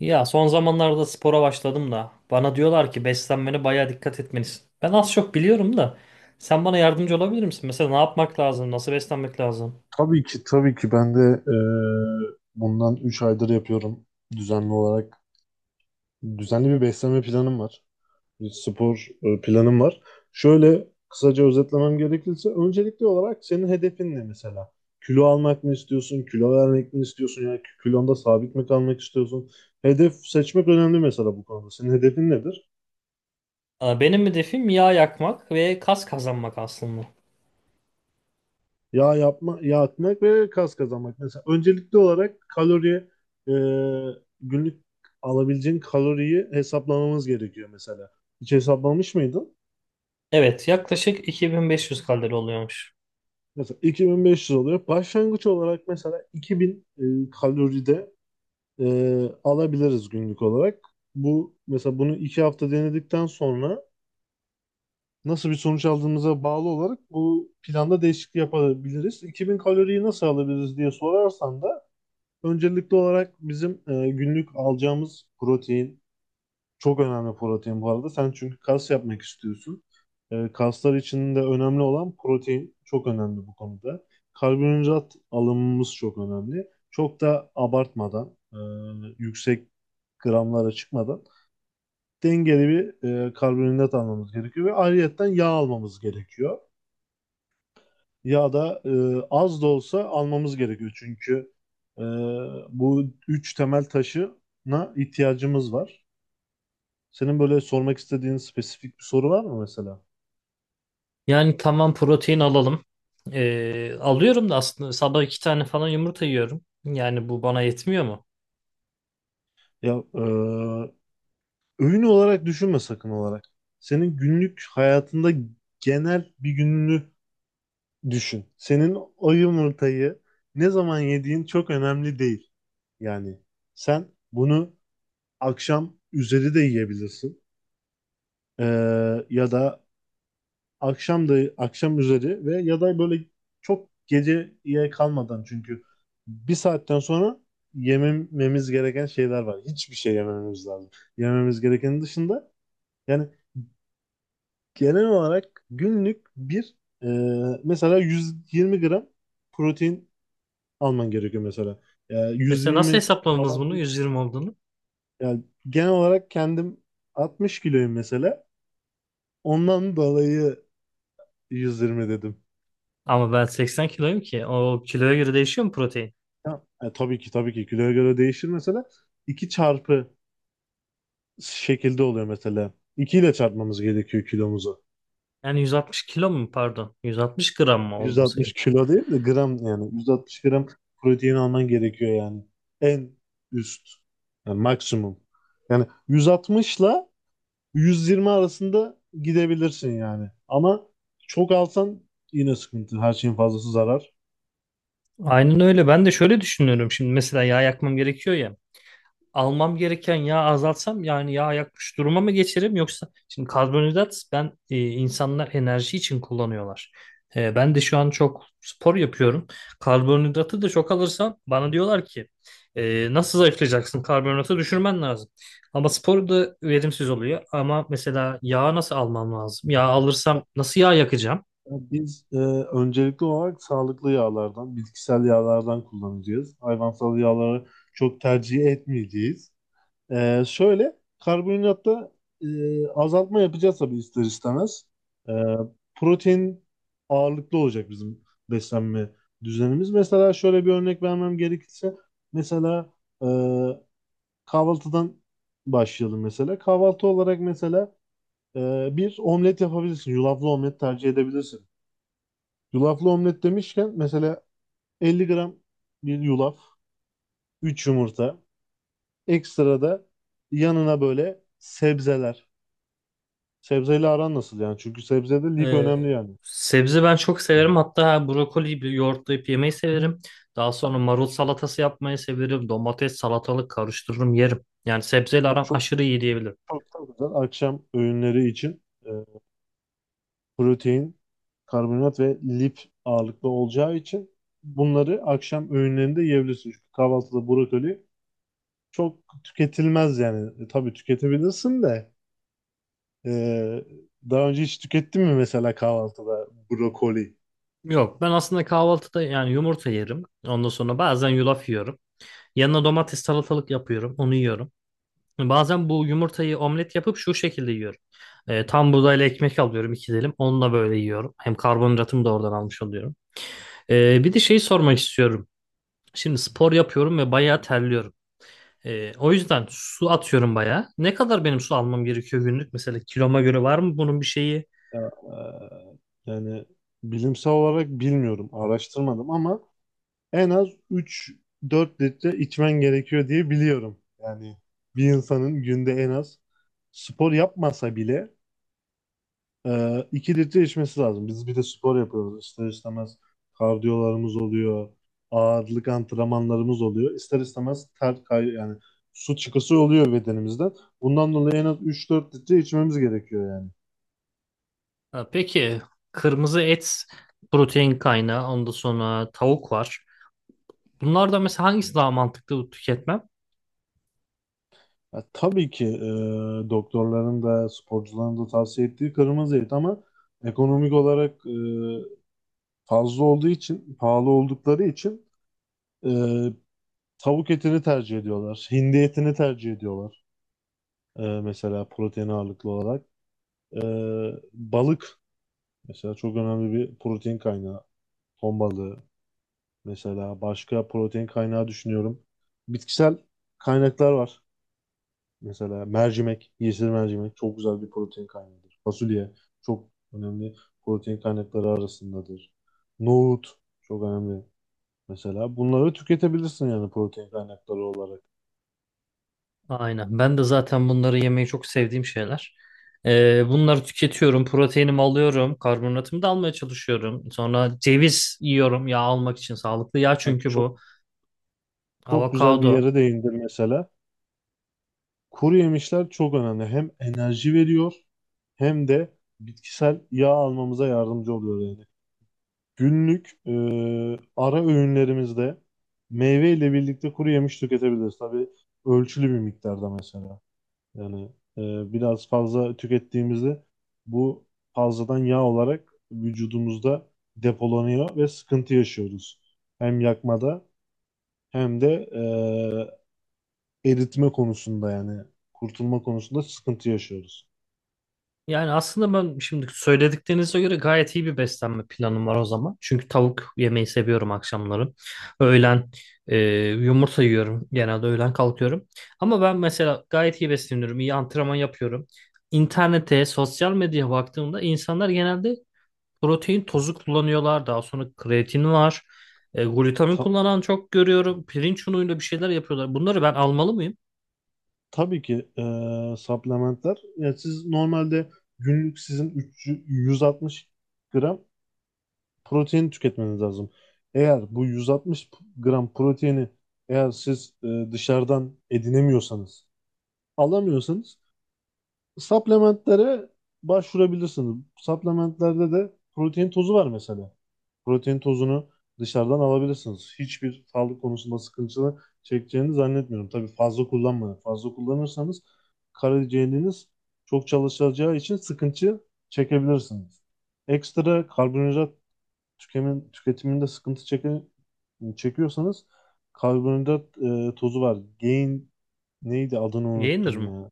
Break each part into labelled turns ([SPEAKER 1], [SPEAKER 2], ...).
[SPEAKER 1] Ya son zamanlarda spora başladım da bana diyorlar ki beslenmene bayağı dikkat etmelisin. Ben az çok biliyorum da sen bana yardımcı olabilir misin? Mesela ne yapmak lazım? Nasıl beslenmek lazım?
[SPEAKER 2] Tabii ki tabii ki ben de e, bundan 3 aydır yapıyorum düzenli olarak. Düzenli bir beslenme planım var. Bir spor planım var. Şöyle kısaca özetlemem gerekirse, öncelikli olarak senin hedefin ne mesela? Kilo almak mı istiyorsun? Kilo vermek mi istiyorsun? Yani kilonda sabit mi kalmak istiyorsun? Hedef seçmek önemli mesela bu konuda. Senin hedefin nedir?
[SPEAKER 1] Benim hedefim yağ yakmak ve kas kazanmak aslında.
[SPEAKER 2] Yağ atmak ve kas kazanmak. Mesela öncelikli olarak kalori, e, günlük alabileceğin kaloriyi hesaplamamız gerekiyor mesela. Hiç hesaplamış mıydın?
[SPEAKER 1] Evet, yaklaşık 2500 kalori oluyormuş.
[SPEAKER 2] Mesela 2500 oluyor. Başlangıç olarak mesela 2000 kaloride alabiliriz günlük olarak. Bu mesela, bunu 2 hafta denedikten sonra nasıl bir sonuç aldığımıza bağlı olarak bu planda değişiklik yapabiliriz. 2000 kaloriyi nasıl alabiliriz diye sorarsan da, öncelikli olarak bizim günlük alacağımız protein çok önemli, protein bu arada. Sen çünkü kas yapmak istiyorsun. Kaslar için de önemli olan protein, çok önemli bu konuda. Karbonhidrat alımımız çok önemli. Çok da abartmadan, yüksek gramlara çıkmadan dengeli bir karbonhidrat almamız gerekiyor ve ayrıyetten yağ almamız gerekiyor, ya da az da olsa almamız gerekiyor. Çünkü e, bu 3 temel taşına ihtiyacımız var. Senin böyle sormak istediğin spesifik bir soru var mı mesela?
[SPEAKER 1] Yani tamam protein alalım. Alıyorum da aslında sabah iki tane falan yumurta yiyorum. Yani bu bana yetmiyor mu?
[SPEAKER 2] Ya, öğün olarak düşünme sakın olarak. Senin günlük hayatında genel bir gününü düşün. Senin o yumurtayı ne zaman yediğin çok önemli değil. Yani sen bunu akşam üzeri de yiyebilirsin. E, Ya da akşam da, akşam üzeri, ve ya da böyle çok geceye kalmadan, çünkü bir saatten sonra yemememiz gereken şeyler var. Hiçbir şey yemememiz lazım. Yememiz gerekenin dışında yani, genel olarak günlük bir e, mesela 120 gram protein alman gerekiyor mesela.
[SPEAKER 1] Mesela nasıl
[SPEAKER 2] 120
[SPEAKER 1] hesapladınız bunu
[SPEAKER 2] abartım,
[SPEAKER 1] 120 olduğunu?
[SPEAKER 2] yani genel olarak kendim 60 kiloyum mesela. Ondan dolayı 120 dedim.
[SPEAKER 1] Ama ben 80 kiloyum ki. O kiloya göre değişiyor mu protein?
[SPEAKER 2] Ya, tabii ki tabii ki kiloya göre değişir mesela. 2 çarpı şekilde oluyor mesela. 2 ile çarpmamız gerekiyor kilomuzu.
[SPEAKER 1] Yani 160 kilo mu pardon? 160 gram mı olması
[SPEAKER 2] 160
[SPEAKER 1] gerek?
[SPEAKER 2] kilo değil de gram yani. 160 gram protein alman gerekiyor yani. En üst. Yani maksimum. Yani 160 ile 120 arasında gidebilirsin yani. Ama çok alsan yine sıkıntı. Her şeyin fazlası zarar.
[SPEAKER 1] Aynen öyle. Ben de şöyle düşünüyorum. Şimdi mesela yağ yakmam gerekiyor ya. Almam gereken yağı azaltsam yani yağ yakmış duruma mı geçerim yoksa şimdi karbonhidrat ben insanlar enerji için kullanıyorlar. Ben de şu an çok spor yapıyorum. Karbonhidratı da çok alırsam bana diyorlar ki nasıl zayıflayacaksın? Karbonhidratı düşürmen lazım. Ama spor da verimsiz oluyor. Ama mesela yağ nasıl almam lazım? Yağ alırsam nasıl yağ yakacağım?
[SPEAKER 2] Biz öncelikli olarak sağlıklı yağlardan, bitkisel yağlardan kullanacağız. Hayvansal yağları çok tercih etmeyeceğiz. Şöyle, karbonhidratta azaltma yapacağız tabii, ister istemez. E, Protein ağırlıklı olacak bizim beslenme düzenimiz. Mesela şöyle bir örnek vermem gerekirse, mesela, e, kahvaltıdan başlayalım mesela. Kahvaltı olarak mesela bir omlet yapabilirsin, yulaflı omlet tercih edebilirsin. Yulaflı omlet demişken mesela, 50 gram bir yulaf, 3 yumurta, ekstra da yanına böyle sebzeler. Sebzeyle aran nasıl yani? Çünkü sebzede lif
[SPEAKER 1] Ee,
[SPEAKER 2] önemli yani.
[SPEAKER 1] sebze ben çok severim. Hatta brokoliyi bir yoğurtlayıp yemeyi severim. Daha sonra marul salatası yapmayı severim. Domates, salatalık karıştırırım, yerim. Yani sebzeyle
[SPEAKER 2] Yani
[SPEAKER 1] aram
[SPEAKER 2] çok,
[SPEAKER 1] aşırı iyi diyebilirim.
[SPEAKER 2] çok da güzel akşam öğünleri için protein, karbonhidrat ve lif ağırlıklı olacağı için bunları akşam öğünlerinde yiyebilirsin. Çünkü kahvaltıda brokoli çok tüketilmez yani. Tabii tüketebilirsin de. Ee, Daha önce hiç tükettin mi mesela kahvaltıda brokoli?
[SPEAKER 1] Yok, ben aslında kahvaltıda yani yumurta yerim. Ondan sonra bazen yulaf yiyorum. Yanına domates, salatalık yapıyorum, onu yiyorum. Bazen bu yumurtayı omlet yapıp şu şekilde yiyorum. Tam buğdayla ekmek alıyorum iki dilim. Onunla böyle yiyorum. Hem karbonhidratımı da oradan almış oluyorum. Bir de şeyi sormak istiyorum. Şimdi spor yapıyorum ve bayağı terliyorum. O yüzden su atıyorum bayağı. Ne kadar benim su almam gerekiyor günlük? Mesela kiloma göre var mı bunun bir şeyi?
[SPEAKER 2] Ya, yani bilimsel olarak bilmiyorum, araştırmadım, ama en az 3-4 litre içmen gerekiyor diye biliyorum. Yani bir insanın günde en az, spor yapmasa bile, 2 litre içmesi lazım. Biz bir de spor yapıyoruz. İster istemez kardiyolarımız oluyor. Ağırlık antrenmanlarımız oluyor. İster istemez ter yani su çıkısı oluyor bedenimizden. Bundan dolayı en az 3-4 litre içmemiz gerekiyor yani.
[SPEAKER 1] Ha, peki kırmızı et protein kaynağı. Ondan sonra tavuk var. Bunlardan mesela hangisi daha mantıklı tüketmem?
[SPEAKER 2] Ya, tabii ki doktorların da sporcuların da tavsiye ettiği kırmızı et, ama ekonomik olarak fazla olduğu için, pahalı oldukları için e, tavuk etini tercih ediyorlar. Hindi etini tercih ediyorlar. Mesela protein ağırlıklı olarak. Balık mesela çok önemli bir protein kaynağı. Ton balığı mesela, başka protein kaynağı düşünüyorum. Bitkisel kaynaklar var. Mesela mercimek, yeşil mercimek çok güzel bir protein kaynağıdır. Fasulye çok önemli protein kaynakları arasındadır. Nohut çok önemli. Mesela bunları tüketebilirsin yani, protein kaynakları olarak.
[SPEAKER 1] Aynen. Ben de zaten bunları yemeyi çok sevdiğim şeyler. Bunları tüketiyorum. Proteinimi alıyorum. Karbonatımı da almaya çalışıyorum. Sonra ceviz yiyorum yağ almak için. Sağlıklı yağ
[SPEAKER 2] Bak,
[SPEAKER 1] çünkü
[SPEAKER 2] çok
[SPEAKER 1] bu.
[SPEAKER 2] çok güzel bir
[SPEAKER 1] Avokado.
[SPEAKER 2] yere değindin mesela. Kuru yemişler çok önemli. Hem enerji veriyor hem de bitkisel yağ almamıza yardımcı oluyor yani. Günlük ara öğünlerimizde meyve ile birlikte kuru yemiş tüketebiliriz. Tabii ölçülü bir miktarda mesela. Yani biraz fazla tükettiğimizde bu fazladan yağ olarak vücudumuzda depolanıyor ve sıkıntı yaşıyoruz. Hem yakmada hem de eritme konusunda yani, kurtulma konusunda sıkıntı yaşıyoruz.
[SPEAKER 1] Yani aslında ben şimdi söylediklerinize göre gayet iyi bir beslenme planım var o zaman. Çünkü tavuk yemeyi seviyorum akşamları. Öğlen e, yumurta yiyorum. Genelde öğlen kalkıyorum. Ama ben mesela gayet iyi besleniyorum. İyi antrenman yapıyorum. İnternete, sosyal medyaya baktığımda insanlar genelde protein tozu kullanıyorlar. Daha sonra kreatin var. Glutamin
[SPEAKER 2] Ta-
[SPEAKER 1] kullanan çok görüyorum. Pirinç unuyla bir şeyler yapıyorlar. Bunları ben almalı mıyım?
[SPEAKER 2] tabii ki supplementler. Yani siz normalde günlük sizin 3 160 gram protein tüketmeniz lazım. Eğer bu 160 gram proteini eğer siz dışarıdan edinemiyorsanız, alamıyorsanız, supplementlere başvurabilirsiniz. Supplementlerde de protein tozu var mesela. Protein tozunu dışarıdan alabilirsiniz. Hiçbir sağlık konusunda sıkıntı çekeceğini zannetmiyorum. Tabii fazla kullanmayın. Fazla kullanırsanız karaciğeriniz çok çalışacağı için sıkıntı çekebilirsiniz. Ekstra karbonhidrat tüketiminde sıkıntı çekiyorsanız, karbonhidrat tozu var. Gain, neydi adını
[SPEAKER 1] Yenir
[SPEAKER 2] unuttum
[SPEAKER 1] mi?
[SPEAKER 2] ya.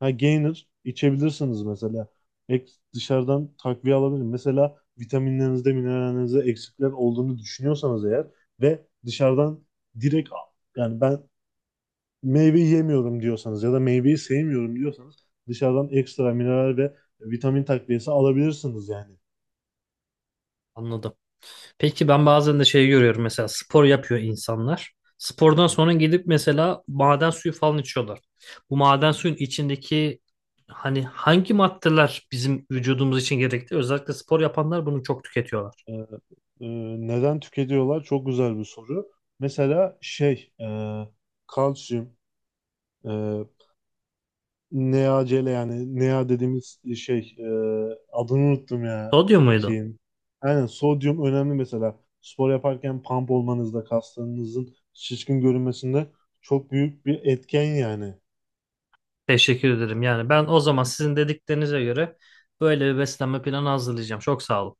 [SPEAKER 2] Ha, gainer içebilirsiniz mesela. Ek, dışarıdan takviye alabilir. Mesela vitaminlerinizde, minerallerinizde eksikler olduğunu düşünüyorsanız eğer, ve dışarıdan direkt al- yani ben meyve yemiyorum diyorsanız ya da meyveyi sevmiyorum diyorsanız, dışarıdan ekstra mineral ve vitamin takviyesi alabilirsiniz yani.
[SPEAKER 1] Anladım. Peki ben bazen de şey görüyorum mesela spor yapıyor insanlar. Spordan sonra gidip mesela maden suyu falan içiyorlar. Bu maden suyun içindeki hani hangi maddeler bizim vücudumuz için gerekli? Özellikle spor yapanlar bunu çok tüketiyorlar.
[SPEAKER 2] Ee, e, Neden tüketiyorlar? Çok güzel bir soru. Mesela şey, kalsiyum, e, NeaCele yani Nea dediğimiz şey, adını unuttum ya
[SPEAKER 1] Sodyum muydu?
[SPEAKER 2] şeyin. Aynen, sodyum önemli mesela. Spor yaparken pump olmanızda, kaslarınızın şişkin görünmesinde çok büyük bir etken yani.
[SPEAKER 1] Teşekkür ederim. Yani ben o zaman sizin dediklerinize göre böyle bir beslenme planı hazırlayacağım. Çok sağ olun.